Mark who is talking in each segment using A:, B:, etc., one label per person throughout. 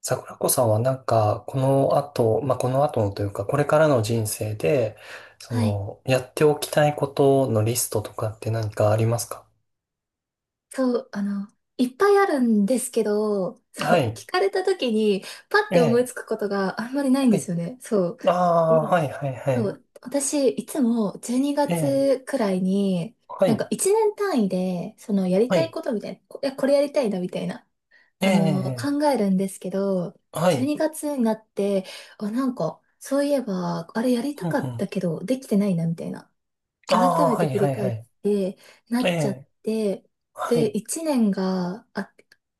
A: 桜子さんはこの後、まあ、この後のというか、これからの人生で、
B: はい。
A: やっておきたいことのリストとかって何かありますか？
B: そう、いっぱいあるんですけど、そ
A: は
B: う、
A: い。
B: 聞かれた時に、パッ
A: え
B: て思いつ
A: え。
B: くことがあんまりないん
A: は
B: です
A: い。
B: よね。そう。
A: ああ、
B: で、
A: はい、はい、は
B: そ
A: い。
B: う、私、いつも12
A: ええ。
B: 月くらいに、
A: はい。
B: 1年単位で、やり
A: は
B: たい
A: い。
B: ことみたいな、これやりたいな、みたいな、
A: ええ。
B: 考えるんですけど、
A: は
B: 12
A: い。
B: 月にがつになって、あ、そういえば、あれやりた
A: うん
B: か
A: う
B: っ
A: ん。
B: たけど、できてないな、みたいな。
A: あ
B: 改
A: あ、
B: め
A: は
B: て
A: い、
B: 振
A: は
B: り
A: い、
B: 返
A: は
B: っ
A: い。
B: てな
A: え
B: っちゃっ
A: え。
B: て、
A: は
B: で、
A: い。
B: 1年が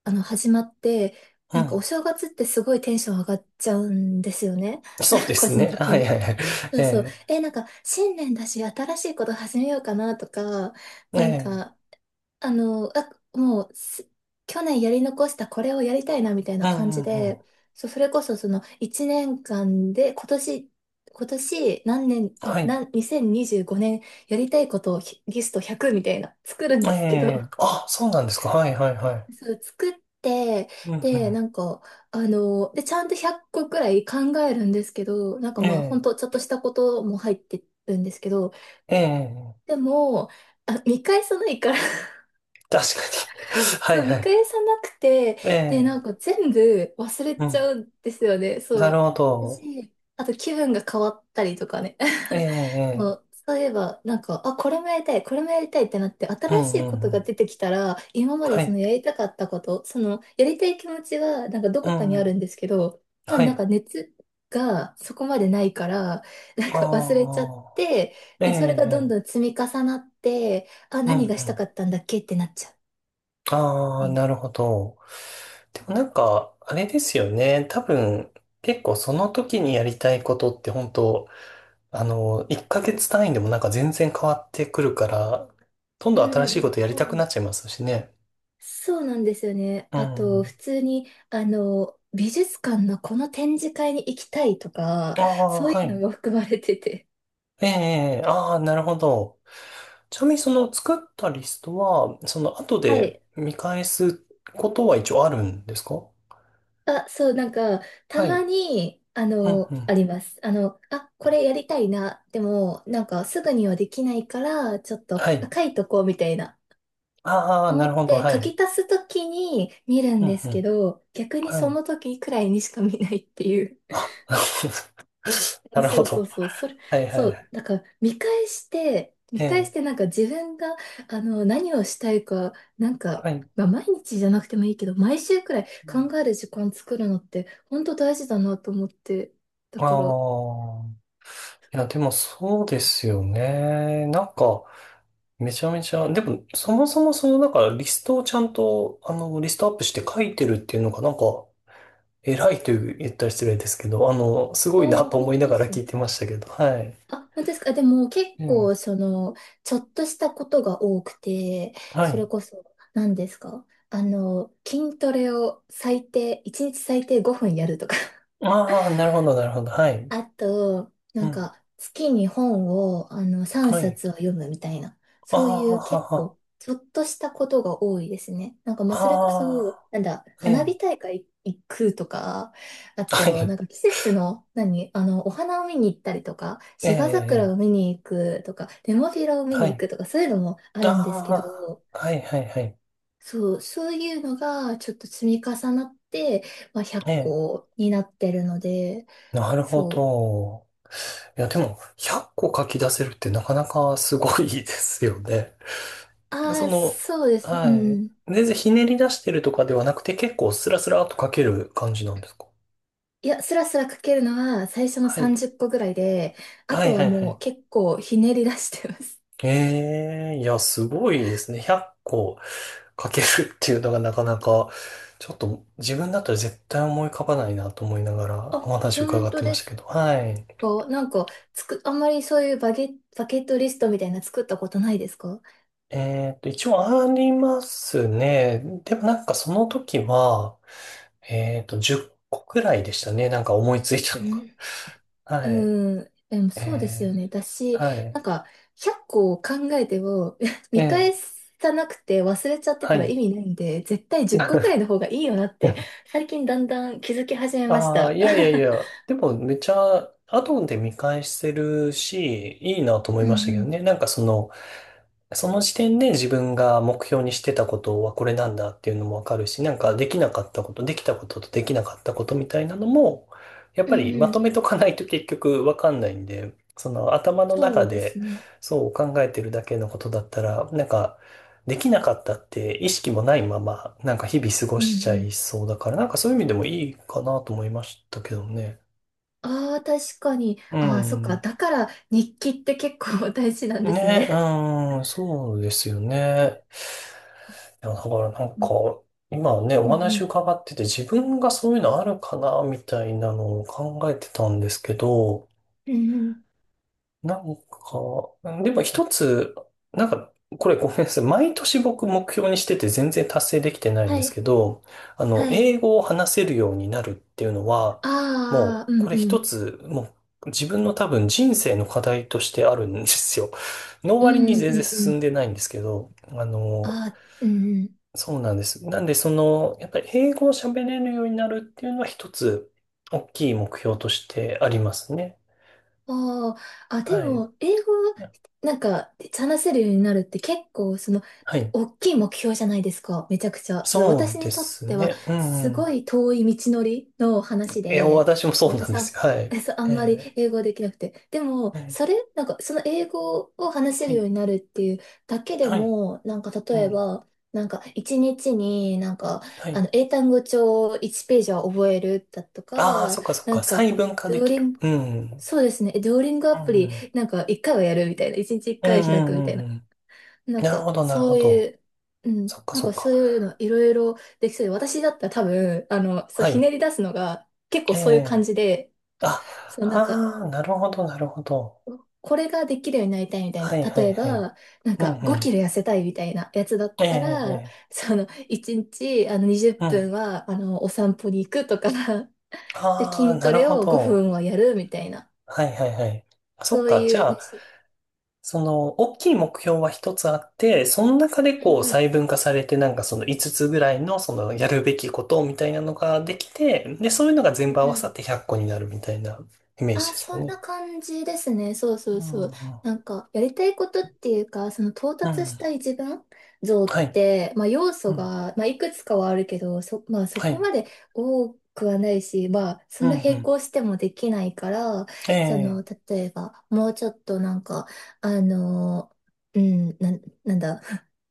B: 始まって、
A: う
B: なんかお
A: ん。
B: 正月ってすごいテンション上がっちゃうんですよね。
A: そうで
B: 個
A: す
B: 人
A: ね。
B: 的
A: はい、
B: に。
A: はい、はい。
B: そ
A: え
B: うそう。
A: え。
B: え、なんか新年だし新しいこと始めようかなとか、
A: え
B: なん
A: え。
B: かあの、あ、もうす、去年やり残したこれをやりたいなみたい
A: う
B: な
A: ん、
B: 感
A: う
B: じ
A: ん、うん。
B: で、そう、それこそその1年間で今年何年、
A: はい。
B: 2025年やりたいことをリスト100みたいな作るん
A: え
B: ですけど、
A: え。あ、そうなんですか。はい、はい、はい。
B: そう、作って、
A: うん、う
B: で、
A: ん。
B: ちゃんと100個くらい考えるんですけど、
A: え
B: まあ、ほん
A: え。
B: とちょっとしたことも入ってるんですけど、
A: ええ、
B: でも、あ、見返さないから、
A: 確かに。は
B: そ
A: い
B: う、
A: は
B: 見
A: い。
B: 返さなくて、
A: え
B: で、
A: え、
B: 全部忘れ
A: う
B: ち
A: ん。
B: ゃうんですよね。
A: な
B: そ
A: る
B: う。
A: ほど。
B: 私、あと気分が変わったりとかね。
A: え
B: そ
A: え、え
B: う、
A: え
B: そういえば、あ、これもやりたい、これもやりたいってなって、
A: う
B: 新し
A: んう
B: い
A: ん
B: こと
A: うん。
B: が出てきたら、今まで
A: は
B: その
A: い。
B: やりたかったこと、やりたい気持ちは、ど
A: う
B: こか
A: ん
B: に
A: う
B: ある
A: ん。
B: んですけど、まあ
A: はい。
B: 熱がそこまでないから、忘れちゃっ
A: ああ。
B: て、
A: ええ、
B: で、それがどん
A: ええ
B: どん積み重なって、あ、
A: うんう
B: 何がした
A: ん。
B: かったんだっけってなっちゃう。
A: ああ、なるほど。でもなんか、あれですよね。多分、結構その時にやりたいことって本当、1ヶ月単位でもなんか全然変わってくるから、どん
B: う
A: どん
B: ん
A: 新しい
B: う
A: こ
B: ん、
A: とやり
B: そ
A: た
B: う
A: く
B: な
A: なっ
B: ん、
A: ちゃいますしね。
B: そうなんですよね。
A: う
B: あと、
A: ん。
B: 普通に、美術館のこの展示会に行きたいとか、
A: ああ、
B: そうい
A: は
B: うの
A: い。
B: も含まれてて。
A: ええ、ああ、なるほど。ちなみにその作ったリストは、その後
B: は
A: で
B: い。
A: 見返すことは一応あるんですか？
B: あ、そう、た
A: は
B: ま
A: い。
B: に、
A: うんうん。
B: あります。あ、これやりたいな。でも、すぐにはできないから、ちょっと、あ、
A: はい。
B: 書いとこうみたいな。
A: ああ、な
B: 思っ
A: るほど。
B: て、
A: は
B: 書
A: い。
B: き足すときに見るん
A: うん
B: です
A: う
B: け
A: ん。
B: ど、逆に
A: は
B: そ
A: い。
B: の時くらいにしか見ないっていう。
A: あ、なる
B: そ
A: ほ
B: うそう
A: ど。
B: そう、
A: はいは
B: そ
A: いは
B: う、
A: い。
B: 見返して、
A: ええ、
B: 自分が、何をしたいか、
A: はい。
B: まあ、毎日じゃなくてもいいけど、毎週くらい考える時間作るのって、本当大事だなと思って。だ
A: あ
B: から、あ、
A: あ、いや、でもそうですよね。なんか、めちゃめちゃ、でも、そもそもリストをちゃんと、リストアップして書いてるっていうのが、偉いという言ったら失礼ですけど、す
B: あ、
A: ごいなと
B: 本
A: 思い
B: 当
A: な
B: で
A: がら
B: す、
A: 聞いてましたけど、はい。
B: あ、本当ですか。でも結
A: うん。
B: 構、ちょっとしたことが多くて、
A: は
B: それ
A: い。
B: こそ、何ですか、筋トレを最低、1日最低5分やるとか、
A: ああ、なるほど、なるほど。はい。
B: あと、
A: うん。
B: 月に本を、3
A: はい。
B: 冊を読むみたいな、
A: あ
B: そうい
A: あ、
B: う結
A: は
B: 構、ちょっとしたことが多いですね。
A: あ、
B: まあ、それこ
A: は
B: そ、
A: あ、
B: なんだ、
A: え
B: 花
A: え。
B: 火大会行くとか、あ
A: は
B: と、
A: い。
B: 季節の、何、お花を見に行ったりとか、
A: ええ、
B: 芝桜を
A: え
B: 見に行くとか、ネモフィラを
A: え
B: 見
A: は
B: に行
A: い。
B: くとか、そういうのもあるんですけ
A: あ
B: ど、
A: あ、はい、はい、はい。
B: そう、そういうのが、ちょっと積み重なって、まあ、100
A: ええ。
B: 個になってるので、
A: なるほ
B: そう。
A: ど。いや、でも、100個書き出せるってなかなかすごいですよね。
B: あ
A: そ
B: あ、
A: の、
B: そうです。う
A: はい。
B: ん。
A: 全然ひねり出してるとかではなくて、結構スラスラっと書ける感じなんですか？
B: いや、スラスラ書けるのは最初の
A: はい。
B: 30個ぐらいで、あ
A: は
B: と
A: い
B: は
A: はいは
B: もう
A: い。
B: 結構ひねり出してます。
A: ええいや、すごいですね。100個かけるっていうのがなかなか、ちょっと自分だったら絶対思い浮かばないなと思いなが ら
B: あ、
A: お話伺
B: 本
A: っ
B: 当
A: てま
B: で
A: した
B: す
A: けど。はい。
B: か、あんまりそういうバケットリストみたいな作ったことないですか。
A: えっと、一応ありますね。でもなんかその時は、えっと、10個くらいでしたね。なんか思いついた
B: う
A: のが。
B: ん。
A: はい。
B: うん。でもそうです
A: え
B: よね。だ
A: ー、
B: し、
A: は
B: な
A: い。
B: んか、100個を考えても、
A: え
B: 見
A: ー、
B: 返さなくて忘れちゃって
A: は
B: たら
A: い。
B: 意味ないんで、絶対10個ぐらい の方がいいよなって、最近だんだん気づき始めまし
A: ああ、
B: た。
A: いやいやい や、でもめちゃ、後で見返せるし、いいなと思
B: う
A: い
B: うん
A: ましたけ
B: う
A: ど
B: ん
A: ね。その時点で自分が目標にしてたことはこれなんだっていうのもわかるし、なんかできなかったこと、できたことと、できなかったことみたいなのも、やっ
B: う
A: ぱり
B: ん
A: ま
B: う
A: と
B: ん、
A: めとかないと結局わかんないんで、その頭の
B: そ
A: 中
B: うです
A: で
B: ね。
A: そう考えてるだけのことだったら、なんかできなかったって意識もないまま、なんか日々過ご
B: うんう
A: しちゃ
B: ん。
A: いそうだから、なんかそういう意味でもいいかなと思いましたけどね。
B: ああ、確かに。
A: う
B: ああ、そっか。
A: ん。
B: だから日記って結構 大事なんです
A: ね、
B: ね。
A: うん、そうですよね。いや、だからなん
B: う
A: か、
B: ん
A: 今ね、お
B: う
A: 話
B: ん
A: 伺ってて自分がそういうのあるかな、みたいなのを考えてたんですけど、
B: うん。うんうん。
A: なんか、でも一つ、なんか、これごめんなさい。毎年僕目標にしてて全然達成できてないん
B: は
A: です
B: い。
A: けど、
B: はい。
A: 英語を話せるようになるっていうのは、も
B: ああ、う
A: う、
B: ん
A: これ
B: う
A: 一
B: ん。
A: つ、自分の多分人生の課題としてあるんですよ。の
B: う
A: 割に
B: んうん
A: 全然
B: うんう
A: 進ん
B: ん。
A: でないんですけど、
B: ああ、うんうん。
A: そうなんです。なんで、やっぱり英語を喋れるようになるっていうのは一つ、大きい目標としてありますね。
B: ああ、あ、で
A: はい。
B: も、英語、話せるようになるって結構、
A: はい。
B: 大きい目標じゃないですか、めちゃくちゃ。
A: そ
B: 私
A: うで
B: にとっ
A: す
B: ては、
A: ね。う
B: す
A: ん。
B: ごい遠い道のりの話
A: いや、
B: で、
A: 私もそうなん
B: 私
A: です
B: は、
A: よ。はい。
B: そう、あんまり
A: え
B: 英語できなくて。でも、
A: ー、え
B: そ
A: ー
B: れ、その英語を話せ
A: は
B: るよ
A: い。
B: うになるっていうだけで
A: はい。
B: も、
A: う
B: 例え
A: ん。
B: ば、一日になんか、
A: はい。
B: 英単語帳1ページは覚えるだと
A: ああ、
B: か、
A: そっかそっ
B: な
A: か。
B: ん
A: 細
B: か、
A: 分化で
B: ドー
A: き
B: リ
A: る。
B: ン
A: うん。うん。
B: そうですね。デュオリングア
A: う
B: プリ、
A: ん。
B: 一回はやるみたいな。一日一
A: う
B: 回
A: ん
B: は
A: う
B: 開く
A: ん
B: みた
A: う
B: い
A: ん
B: な。
A: うん。
B: なん
A: なる
B: か、
A: ほど、なるほ
B: そうい
A: ど。
B: う、うん。
A: そっかそっ
B: そ
A: か。
B: ういうのいろいろできそうで、私だったら多分、そう、
A: は
B: ひね
A: い。
B: り出すのが結構
A: え
B: そういう感
A: え
B: じで、
A: あ、
B: そう、
A: ああ、なるほど、なるほど。
B: これができるようになりたいみたい
A: は
B: な。
A: いは
B: 例
A: い
B: え
A: はい。
B: ば、
A: うんう
B: 5キ
A: ん。
B: ロ痩せたいみたいなやつだっ
A: え
B: たら、
A: えええ
B: 1日、20
A: う
B: 分
A: ん。
B: は、お散歩に行くとか、で、
A: ああ、
B: 筋
A: な
B: ト
A: る
B: レ
A: ほ
B: を5
A: ど。
B: 分はやるみたいな。
A: はいはいはい。あそっ
B: そう
A: か。
B: い
A: じゃ
B: う、ね、
A: あ、
B: しょ
A: 大きい目標は一つあって、その中で
B: う
A: こう
B: うん
A: 細分化されて、なんかその5つぐらいの、そのやるべきことみたいなのができて、で、そういうのが
B: うん
A: 全部合わ
B: う
A: さっ
B: ん、
A: て100個になるみたいなイメージ
B: あ、
A: ですか
B: そんな
A: ね？
B: 感じですね。そうそ
A: う
B: う
A: ん、
B: そう。
A: うん、
B: やりたいことっていうか、その到
A: う
B: 達し
A: ん。
B: たい自分像っ
A: はい、
B: て、まあ要
A: う
B: 素
A: ん、
B: が、まあいくつかはあるけど、まあそ
A: は
B: こ
A: い、
B: まで多くはないし、まあそ
A: う
B: ん
A: ん、
B: な
A: う
B: 並
A: ん。
B: 行してもできないから、
A: ええ、
B: 例えば、もうちょっとあの、うん、なんだ、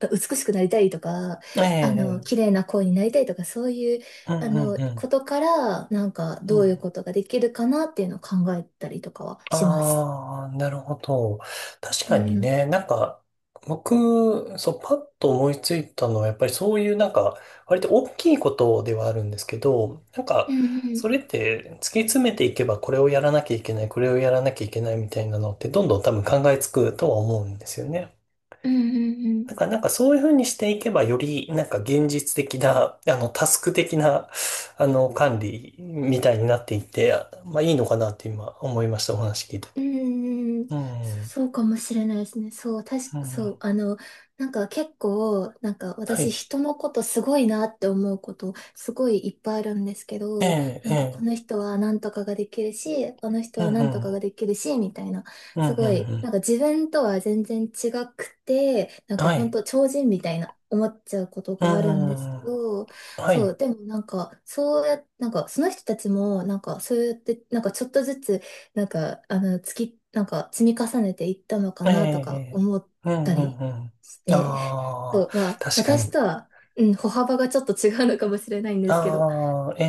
B: 美しくなりたいとか、
A: ええ、ええ
B: 綺麗な声になりたいとか、そういう
A: うん、うん、うん。
B: ことから、
A: う
B: どういう
A: ん
B: ことができるかなっていうのを考えたりとかはします。
A: ああ、なるほど。確
B: う
A: かに
B: ん。
A: ね、なんか、僕、そう、パッと思いついたのは、やっぱりそういうなんか、割と大きいことではあるんですけど、なん
B: う
A: か、そ
B: ん
A: れって突き詰めていけば、これをやらなきゃいけない、これをやらなきゃいけないみたいなのって、どんどん多分考えつくとは思うんですよね。
B: うんうんうんうん、
A: だからなんかそういうふうにしていけば、よりなんか現実的な、タスク的な、管理みたいになっていって、まあいいのかなって今思いました、お話聞いて
B: う
A: て。
B: ーん、
A: うん、うん、
B: そうかもしれないですね。
A: は
B: そう、なんか結構、私、
A: い。
B: 人のことすごいなって思うこと、すごいいっぱいあるんですけ
A: え
B: ど、
A: え、
B: な
A: え
B: んかこの
A: え、
B: 人はなんとかができるし、この人
A: うん、う
B: はなんとか
A: ん、
B: ができるし、みたいな、
A: うん、うん、
B: すごい、
A: う
B: 自分とは全然違くて、なん
A: ん。
B: か
A: は
B: 本
A: い。
B: 当超人みたいな思っちゃうこと
A: う
B: があるんですけ
A: ん、
B: ど、
A: は
B: そう、
A: い。
B: でもなんか、そうや、なんかその人たちも、なんかそうやって、なんかちょっとずつ、なんか積み重ねていったのか
A: え
B: なとか
A: え、
B: 思っ
A: ええうん、
B: た
A: うん、
B: り
A: うん。
B: して、そ
A: ああ、
B: う、まあ、
A: 確か
B: 私
A: に。
B: とは、うん、歩幅がちょっと違うのかもしれないんですけど。
A: ああ、え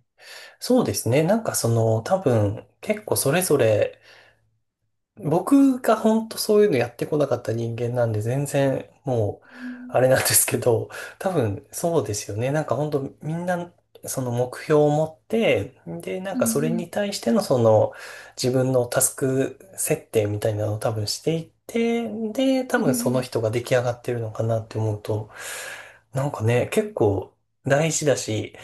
A: え、そうですね。多分、結構それぞれ僕が本当そういうのやってこなかった人間なんで全然もう
B: うん
A: あれなんですけど、多分そうですよね。なんか本当みんなその目標を持って、で、なん
B: う
A: かそれに
B: ん
A: 対してのその自分のタスク設定みたいなのを多分していって、で、多
B: うんう
A: 分その
B: ん
A: 人が出来上がってるのかなって思うと、なんかね、結構大事だし、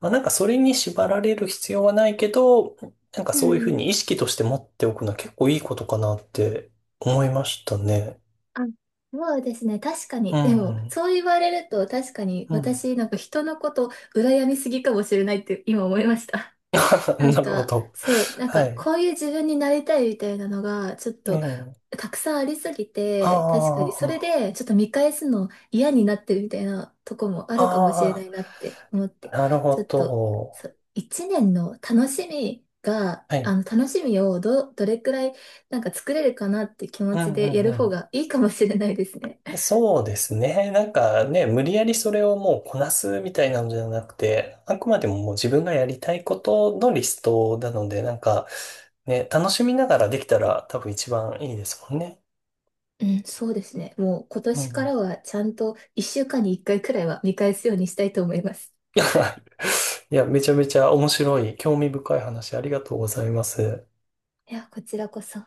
A: まあ、なんかそれに縛られる必要はないけど、なんか
B: う
A: そ
B: ん
A: ういうふ
B: う
A: う
B: ん。
A: に意識として持っておくのは結構いいことかなって思いましたね。
B: あ、そうですね。確か
A: う
B: に。でも、
A: ん。
B: そう言われると、確かに
A: うん。
B: 私、なんか人のこと、羨みすぎかもしれないって今思いました。な
A: な
B: ん
A: るほ
B: か、
A: ど。
B: そう、なん
A: は
B: か、
A: い。
B: こういう自分になりたいみたいなのが、ちょっ
A: う
B: と、
A: ん。
B: たくさんありすぎて、確かに、
A: あ
B: それ
A: あ、
B: で、ちょっと見返すの嫌になってるみたいなとこもあ
A: あ
B: るかもしれないなって思っ
A: あ、
B: て、
A: なる
B: ちょ
A: ほ
B: っと、
A: ど。
B: そう、一年の楽しみが、
A: は
B: あ
A: い。
B: の、楽しみをどれくらい、なんか作れるかなって気持
A: う
B: ち
A: んう
B: でや
A: ん
B: る
A: う
B: 方
A: ん。
B: がいいかもしれないですね。
A: そうですね。なんかね、無理やりそれをもうこなすみたいなのじゃなくて、あくまでももう自分がやりたいことのリストなので、なんかね、楽しみながらできたら多分一番いいですもんね。
B: うん、そうですね。もう今
A: う
B: 年か
A: ん。
B: らはちゃんと一週間に一回くらいは見返すようにしたいと思います。
A: いや、いや、めちゃめちゃ面白い、興味深い話ありがとうございます。
B: いや、こちらこそ。